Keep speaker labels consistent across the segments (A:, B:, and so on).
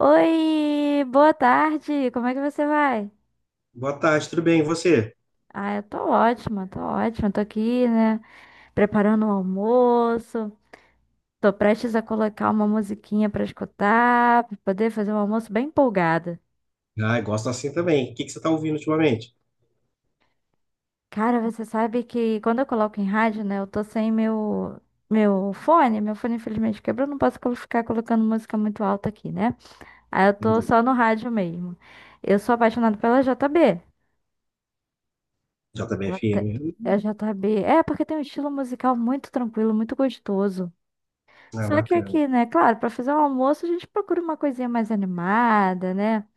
A: Oi, boa tarde. Como é que você vai?
B: Boa tarde, tudo bem? E você?
A: Ah, eu tô ótima, tô ótima. Tô aqui, né, preparando o almoço. Tô prestes a colocar uma musiquinha pra escutar, pra poder fazer um almoço bem empolgada.
B: Ah, eu gosto assim também. O que que você está ouvindo ultimamente?
A: Cara, você sabe que quando eu coloco em rádio, né, eu tô sem meu fone, meu fone infelizmente quebrou, não posso ficar colocando música muito alta aqui, né? Aí eu tô
B: Entendi.
A: só no rádio mesmo. Eu sou apaixonada pela JB.
B: JBFM.
A: Até- É
B: Hum.
A: J B É, porque tem um estilo musical muito tranquilo, muito gostoso.
B: Ah,
A: Só que
B: bacana.
A: aqui, né? Claro, para fazer o almoço a gente procura uma coisinha mais animada, né?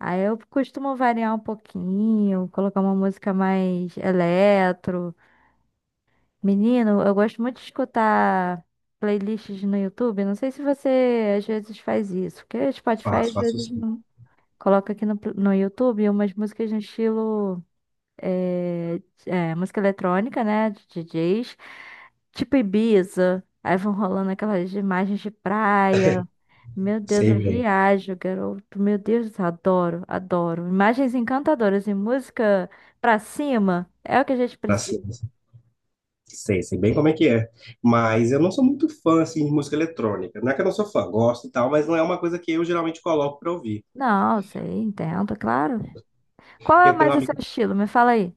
A: Aí eu costumo variar um pouquinho, colocar uma música mais eletro. Menino, eu gosto muito de escutar playlists no YouTube. Não sei se você às vezes faz isso, porque Spotify
B: Faço,
A: às
B: faço
A: vezes
B: sim.
A: não. Coloca aqui no YouTube umas músicas no estilo. é, Música eletrônica, né? De DJs, tipo Ibiza. Aí vão rolando aquelas imagens de praia. Meu Deus,
B: Sei
A: eu
B: bem.
A: viajo, garoto. Meu Deus, adoro, adoro. Imagens encantadoras e música pra cima é o que a gente
B: Assim,
A: precisa.
B: sei bem como é que é. Mas eu não sou muito fã assim, de música eletrônica. Não é que eu não sou fã, gosto e tal, mas não é uma coisa que eu geralmente coloco para ouvir.
A: Não, sei, entendo, claro. Qual é
B: Eu tenho um
A: mais o seu
B: amigo,
A: estilo? Me fala aí.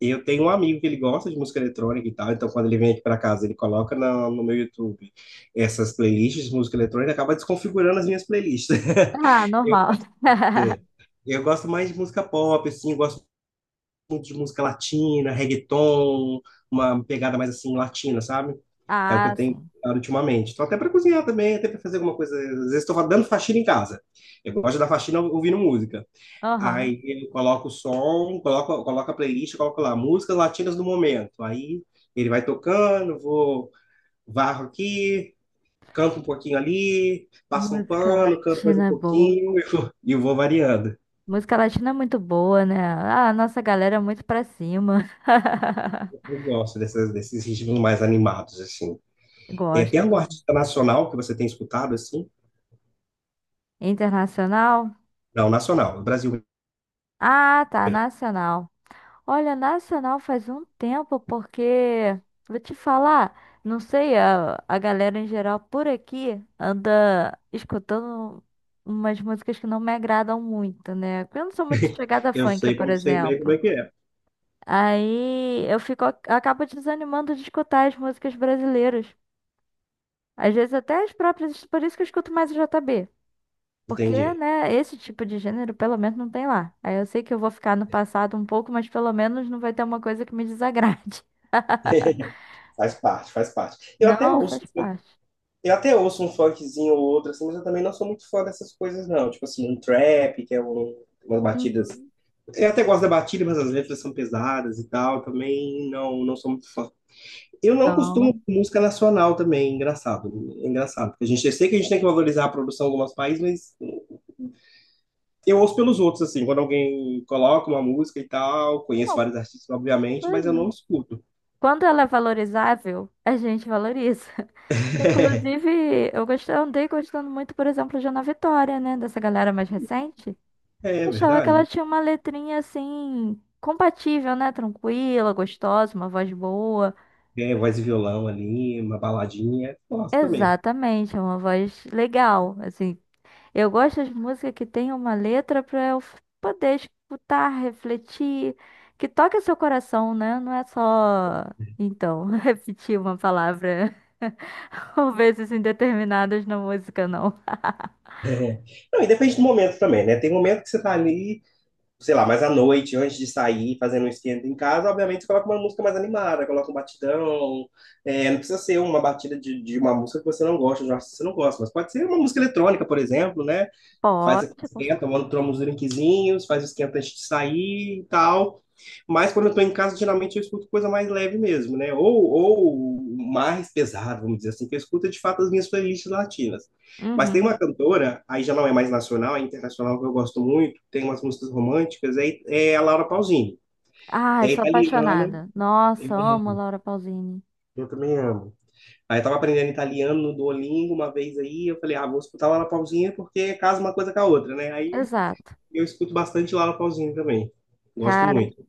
B: eu tenho um amigo que ele gosta de música eletrônica e tal, então quando ele vem aqui para casa, ele coloca no meu YouTube essas playlists de música eletrônica, acaba desconfigurando as minhas playlists.
A: Ah, normal.
B: É. Eu gosto mais de música pop, assim, eu gosto muito de música latina, reggaeton, uma pegada mais assim latina, sabe? É o que
A: Ah,
B: eu tenho
A: sim.
B: escutado ultimamente. Tô até para cozinhar também, até para fazer alguma coisa. Às vezes estou dando faxina em casa. Eu gosto da faxina ouvindo música.
A: Aham.
B: Aí eu coloco o som, coloco a playlist, coloco lá músicas latinas do momento. Aí ele vai tocando, vou varro aqui, canto um pouquinho ali, passo um
A: Música
B: pano, canto mais um
A: latina é boa.
B: pouquinho e vou variando.
A: Música latina é muito boa, né? Ah, a nossa galera é muito pra cima.
B: Eu gosto desses ritmos mais animados, assim. É, tem
A: Gosto
B: algum
A: também.
B: artista nacional que você tem escutado, assim?
A: Internacional?
B: Não, nacional, do Brasil
A: Ah, tá,
B: mesmo.
A: nacional. Olha, nacional faz um tempo, porque, vou te falar, não sei, a galera em geral por aqui anda escutando umas músicas que não me agradam muito, né? Eu não sou muito chegada a
B: Eu
A: funk,
B: sei
A: por
B: como sei bem como
A: exemplo.
B: é que é.
A: Aí eu fico, acabo desanimando de escutar as músicas brasileiras. Às vezes até as próprias, por isso que eu escuto mais o JB. Porque,
B: Entendi.
A: né, esse tipo de gênero pelo menos não tem lá. Aí eu sei que eu vou ficar no passado um pouco, mas pelo menos não vai ter uma coisa que me desagrade.
B: Faz parte, faz parte. Eu até
A: Não, faz
B: ouço,
A: parte.
B: eu até ouço um funkzinho ou outro, assim, mas eu também não sou muito fã dessas coisas, não. Tipo assim, um trap, que é umas batidas.
A: Uhum.
B: Eu até gosto da batida, mas as letras são pesadas e tal. Eu também não, não sou muito fã. Eu não
A: Então,
B: costumo com música nacional também, é engraçado. É engraçado. Porque a gente, eu sei que a gente tem que valorizar a produção de alguns países, mas eu ouço pelos outros, assim, quando alguém coloca uma música e tal. Conheço
A: não,
B: vários artistas, obviamente,
A: foi.
B: mas eu não escuto.
A: Quando ela é valorizável, a gente valoriza. Inclusive, eu gostei, andei gostando muito, por exemplo, de Ana Vitória, né, dessa galera mais recente.
B: É, é
A: Achava que ela
B: verdade.
A: tinha uma letrinha assim, compatível, né, tranquila, gostosa, uma voz boa.
B: É, voz e violão ali, uma baladinha, gosto também.
A: Exatamente, é uma voz legal. Assim, eu gosto de música que tem uma letra para poder escutar, refletir, que toque seu coração, né? Não é só, então, repetir uma palavra ou vezes indeterminadas na música, não.
B: É. Não, e depende do momento também, né? Tem momento que você tá ali sei lá, mais à noite, antes de sair, fazendo um esquenta em casa, obviamente você coloca uma música mais animada, coloca um batidão. É, não precisa ser uma batida de uma música que você não gosta, de um artista que você não gosta, mas pode ser uma música eletrônica, por exemplo, né? Faz aqui,
A: Pode, com
B: esquenta,
A: certeza.
B: tomando tomamos drinkzinhos, faz o esquenta antes de sair e tal. Mas quando eu tô em casa, geralmente eu escuto coisa mais leve mesmo, né? Ou mais pesado, vamos dizer assim, que eu escuto é, de fato as minhas playlists latinas. Mas tem
A: Uhum.
B: uma cantora, aí já não é mais nacional, é internacional, que eu gosto muito, tem umas músicas românticas, é a Laura Pausini.
A: Ai,
B: É
A: sou
B: italiana,
A: apaixonada.
B: eu
A: Nossa, amo Laura Pausini.
B: eu também amo. Aí eu tava aprendendo italiano no Duolingo uma vez aí, eu falei, ah, vou escutar a Laura Pausini porque casa uma coisa com a outra, né? Aí
A: Exato.
B: eu escuto bastante Laura Pausini também. Gosto
A: Cara,
B: muito.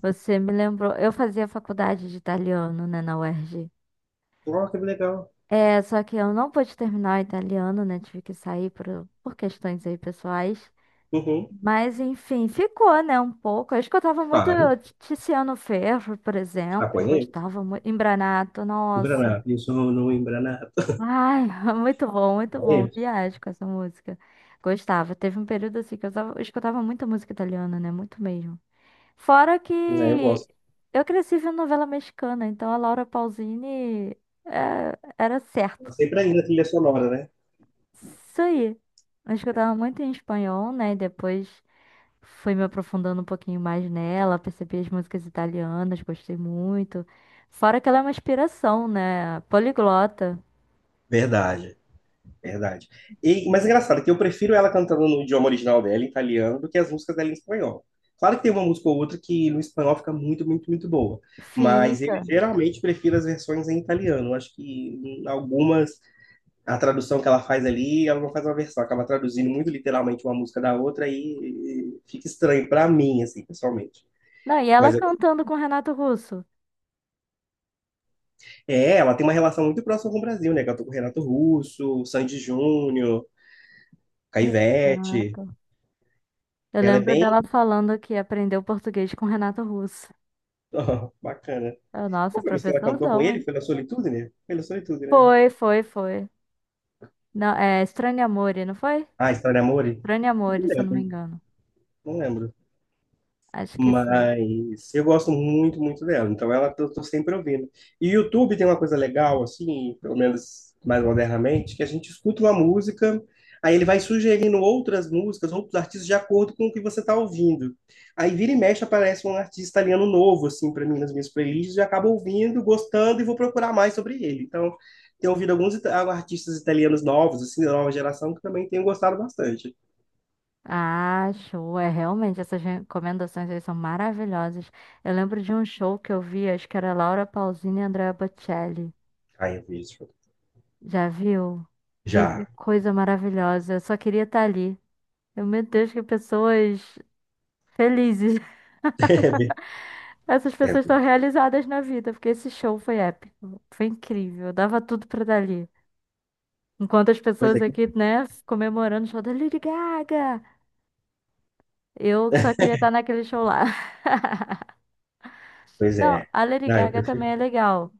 A: você me lembrou. Eu fazia faculdade de italiano, né, na UERJ.
B: Oh, que legal.
A: É, só que eu não pude terminar o italiano, né? Tive que sair por questões aí pessoais.
B: Uhum,
A: Mas, enfim, ficou, né? Um pouco. Eu escutava muito
B: claro.
A: Tiziano Ferro, por exemplo.
B: Apanhei.
A: Gostava muito. Embranato, nossa.
B: Embranar. Eu isso no Embranar.
A: Ai, muito bom, muito bom.
B: Apanhei.
A: Viagem com essa música. Gostava. Teve um período assim que eu escutava muita música italiana, né? Muito mesmo. Fora
B: Né, eu
A: que
B: gosto.
A: eu cresci vendo novela mexicana, então a Laura Pausini era certa.
B: Sempre ainda a trilha sonora, né?
A: Isso aí. Acho que eu tava muito em espanhol, né? Depois fui me aprofundando um pouquinho mais nela, percebi as músicas italianas, gostei muito. Fora que ela é uma inspiração, né? Poliglota.
B: Verdade, verdade. E, mas é engraçado que eu prefiro ela cantando no idioma original dela, em italiano, do que as músicas dela em espanhol. Claro que tem uma música ou outra que no espanhol fica muito, muito, muito boa. Mas eu
A: Fica.
B: geralmente prefiro as versões em italiano. Acho que algumas a tradução que ela faz ali, ela não faz uma versão, acaba traduzindo muito literalmente uma música da outra e fica estranho para mim, assim, pessoalmente.
A: Não, e ela
B: Mas eu-
A: cantando com Renato Russo.
B: é, ela tem uma relação muito próxima com o Brasil, né? Cantou com o Renato Russo, o Sandy Júnior, Caivete.
A: Exato. Eu
B: Ela é
A: lembro
B: bem
A: dela falando que aprendeu português com Renato Russo.
B: bacana.
A: Eu,
B: Qual
A: nossa,
B: foi a música que ela cantou com
A: professorzão,
B: ele?
A: hein?
B: Foi na Solitude, né?
A: Foi, foi, foi. Não, é Estranho Amore, não foi?
B: Ah, História de Amor?
A: Estranho
B: Não
A: Amore, se eu não me
B: lembro,
A: engano.
B: não lembro.
A: Acho que foi.
B: Mas eu gosto muito, muito dela. Então ela eu tô sempre ouvindo. E o YouTube tem uma coisa legal, assim, pelo menos mais modernamente, que a gente escuta uma música, aí ele vai sugerindo outras músicas, outros artistas, de acordo com o que você está ouvindo. Aí vira e mexe, aparece um artista italiano novo, assim, para mim nas minhas playlists, e eu acabo ouvindo, gostando e vou procurar mais sobre ele. Então, tenho ouvido alguns artistas italianos novos, assim, da nova geração, que também tenho gostado bastante.
A: Ah, show. É realmente, essas recomendações aí são maravilhosas. Eu lembro de um show que eu vi, acho que era Laura Pausini e Andrea Bocelli.
B: Aí eu vi isso.
A: Já viu? Gente, que
B: Já.
A: coisa maravilhosa. Eu só queria estar ali. Eu, meu Deus, que pessoas felizes. Essas
B: É,
A: pessoas estão realizadas na vida, porque esse show foi épico. Foi incrível. Eu dava tudo pra estar ali. Enquanto as
B: pois
A: pessoas
B: é.
A: aqui, né, comemorando o show da Lady Gaga. Eu só queria estar naquele show lá.
B: Pois
A: Não,
B: é.
A: a Lady
B: Não, eu
A: Gaga
B: prefiro.
A: também é legal.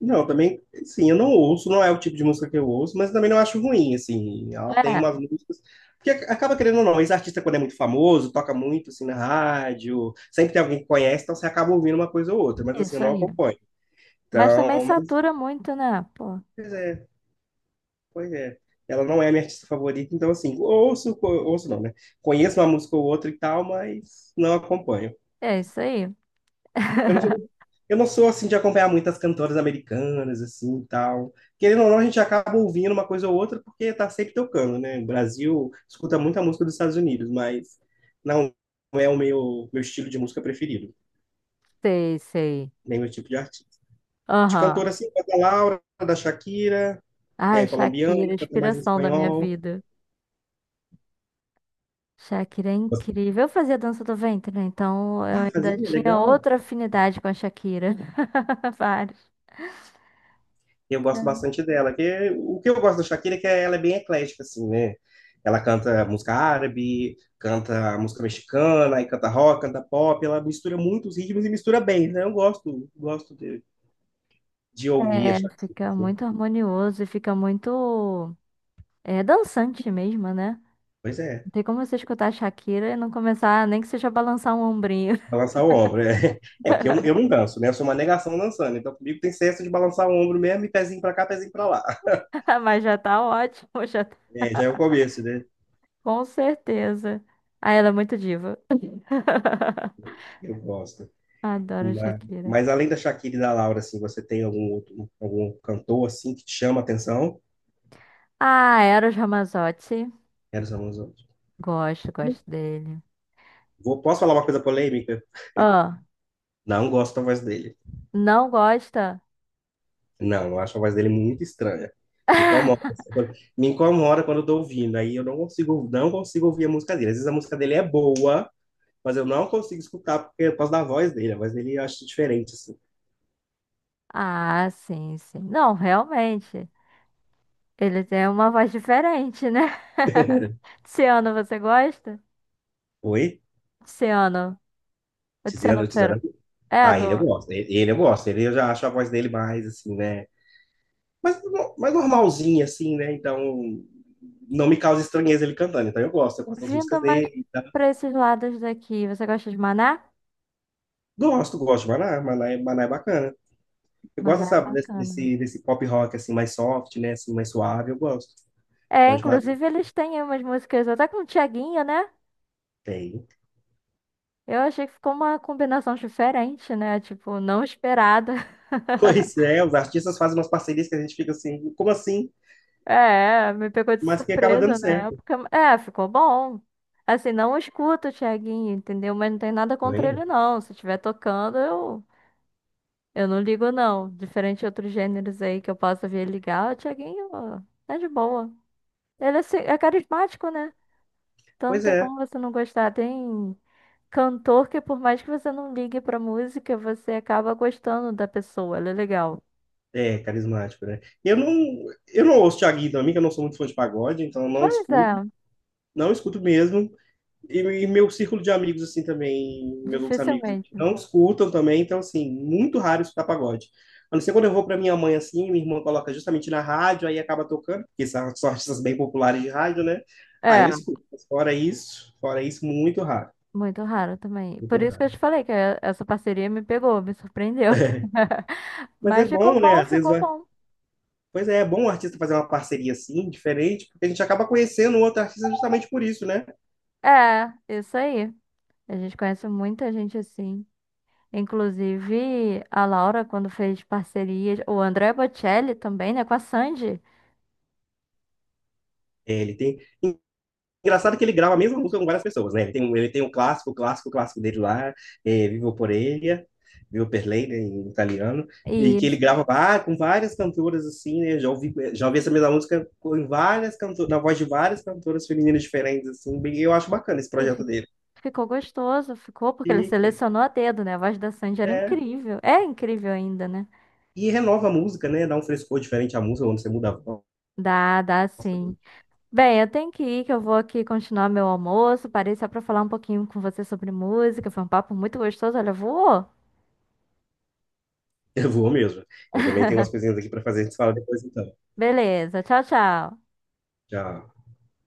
B: Não, também, sim, eu não ouço, não é o tipo de música que eu ouço, mas também não acho ruim, assim. Ela tem
A: É.
B: umas músicas. Porque acaba querendo ou não, esse artista, quando é muito famoso, toca muito, assim, na rádio, sempre tem alguém que conhece, então você acaba ouvindo uma coisa ou outra, mas, assim, eu
A: Isso
B: não
A: aí.
B: acompanho.
A: Mas também
B: Então, mas,
A: satura muito, né? Pô.
B: pois é, pois é. Ela não é a minha artista favorita, então, assim, ouço não, né? Conheço uma música ou outra e tal, mas não acompanho.
A: É isso aí.
B: Eu não sou, eu não sou assim de acompanhar muitas cantoras americanas, assim, e tal. Querendo ou não, a gente acaba ouvindo uma coisa ou outra porque tá sempre tocando, né? O Brasil escuta muita música dos Estados Unidos, mas não é o meu estilo de música preferido,
A: Sei, sei.
B: nem meu tipo de artista. De cantora,
A: Aham.
B: assim, da Laura, da Shakira,
A: Ai,
B: é colombiana,
A: Shakira,
B: canta mais em
A: inspiração da minha
B: espanhol.
A: vida. Shakira é incrível. Eu fazia dança do ventre, né? Então
B: Ah,
A: eu ainda
B: fazia,
A: tinha
B: legal.
A: outra afinidade com a Shakira. Vários.
B: Eu gosto bastante dela. O que eu gosto da Shakira é que ela é bem eclética, assim, né? Ela canta música árabe, canta música mexicana, aí canta rock, canta pop. Ela mistura muitos ritmos e mistura bem, né? Eu gosto de ouvir a
A: É,
B: Shakira,
A: fica
B: assim.
A: muito harmonioso e fica muito dançante mesmo, né?
B: Pois é,
A: Não tem como você escutar a Shakira e não começar, nem que seja a balançar um ombrinho.
B: balançar o ombro. É, é porque eu, eu não danço, né? Eu sou uma negação dançando. Então comigo tem senso de balançar o ombro mesmo e pezinho pra cá, pezinho pra lá.
A: Mas já tá ótimo, já tá.
B: É, já é o começo, né?
A: Com certeza. Ah, ela é muito diva.
B: Eu gosto.
A: Adoro
B: Mas,
A: Shakira.
B: mas além da Shakira e da Laura, assim, você tem algum outro, algum cantor assim que te chama a atenção?
A: Ah, Eros Ramazzotti.
B: Eros Ramazzotti.
A: Gosto, gosto dele.
B: Posso falar uma coisa polêmica?
A: Ah,
B: Não gosto da voz dele.
A: não gosta?
B: Não, eu acho a voz dele muito estranha. Me incomoda. Me incomoda quando eu tô ouvindo. Aí eu não consigo, não consigo ouvir a música dele. Às vezes a música dele é boa, mas eu não consigo escutar porque é por causa da voz dele. A voz dele eu acho diferente, assim.
A: Ah, sim, sim. Não, realmente. Ele tem uma voz diferente, né? Tiziano, você gosta?
B: Oi?
A: Tiziano. O Tiziano
B: Tiziana, Tiziana.
A: Ferro. É,
B: Ah,
A: do...
B: ele eu gosto. Ele eu gosto. Ele eu já acho a voz dele mais, assim, né? Mas, mais normalzinha, assim, né? Então, não me causa estranheza ele cantando. Então eu gosto. Eu gosto das músicas
A: Vindo mais
B: dele.
A: pra esses lados daqui. Você gosta de Maná?
B: Gosto, gosto de Maná. Maná é bacana. Eu gosto,
A: Maná é
B: sabe, desse,
A: bacana, né?
B: desse, desse pop rock assim, mais soft, né? Assim, mais suave, eu gosto.
A: É,
B: Gosto de Maná.
A: inclusive eles têm umas músicas até com o Thiaguinho, né?
B: Tem.
A: Eu achei que ficou uma combinação diferente, né? Tipo, não esperada.
B: Pois é, os artistas fazem umas parcerias que a gente fica assim, como assim?
A: É, me pegou de
B: Mas que acaba dando
A: surpresa na
B: certo.
A: época. É, ficou bom. Assim, não escuto o Thiaguinho, entendeu? Mas não tem nada
B: Não é
A: contra
B: mesmo?
A: ele, não. Se estiver tocando, eu não ligo, não. Diferente de outros gêneros aí que eu possa vir ligar, o Thiaguinho ó, é de boa. Ele é, assim, é carismático, né? Então não
B: Pois
A: tem
B: é.
A: como você não gostar. Tem cantor que, por mais que você não ligue pra música, você acaba gostando da pessoa. Ele é legal.
B: É, carismático, né? Eu não ouço Thiaguinho também, que eu não sou muito fã de pagode, então eu não
A: Pois é,
B: escuto, não escuto mesmo. E, e meu círculo de amigos, assim, também, meus outros amigos aqui,
A: dificilmente.
B: não escutam também, então, assim, muito raro escutar pagode. A não ser quando eu vou para minha mãe, assim, minha irmã coloca justamente na rádio, aí acaba tocando, porque são artistas bem populares de rádio, né? Aí eu
A: É,
B: escuto. Mas fora isso, muito raro.
A: muito raro também.
B: Muito
A: Por isso que eu te
B: raro.
A: falei que essa parceria me pegou, me surpreendeu.
B: Mas é
A: Mas ficou
B: bom, né?
A: bom,
B: Às vezes,
A: ficou bom.
B: pois é, é bom o artista fazer uma parceria assim, diferente, porque a gente acaba conhecendo o outro artista justamente por isso, né?
A: É, isso aí. A gente conhece muita gente assim. Inclusive a Laura, quando fez parcerias, o André Bocelli também, né, com a Sandy.
B: É, ele tem. Engraçado que ele grava a mesma música com várias pessoas, né? Ele tem um clássico, o clássico dele lá, é, Vivo por Ele, Vivo per Lei, né, em italiano, e
A: E,
B: que ele grava com várias cantoras, assim, né? Já ouvi essa mesma música várias cantoras, na voz de várias cantoras femininas diferentes, assim, eu acho bacana esse
A: e
B: projeto dele.
A: ficou gostoso, ficou, porque ele
B: E,
A: selecionou a dedo, né? A voz da Sandy era
B: é,
A: incrível. É incrível ainda, né?
B: e renova a música, né? Dá um frescor diferente à música quando você muda a voz
A: Dá, dá sim.
B: também.
A: Bem, eu tenho que ir, que eu vou aqui continuar meu almoço. Parei só pra falar um pouquinho com você sobre música. Foi um papo muito gostoso, olha, voou.
B: Eu vou mesmo. Eu também tenho umas coisinhas aqui para fazer, a gente fala depois então.
A: Beleza, tchau, tchau.
B: Tchau.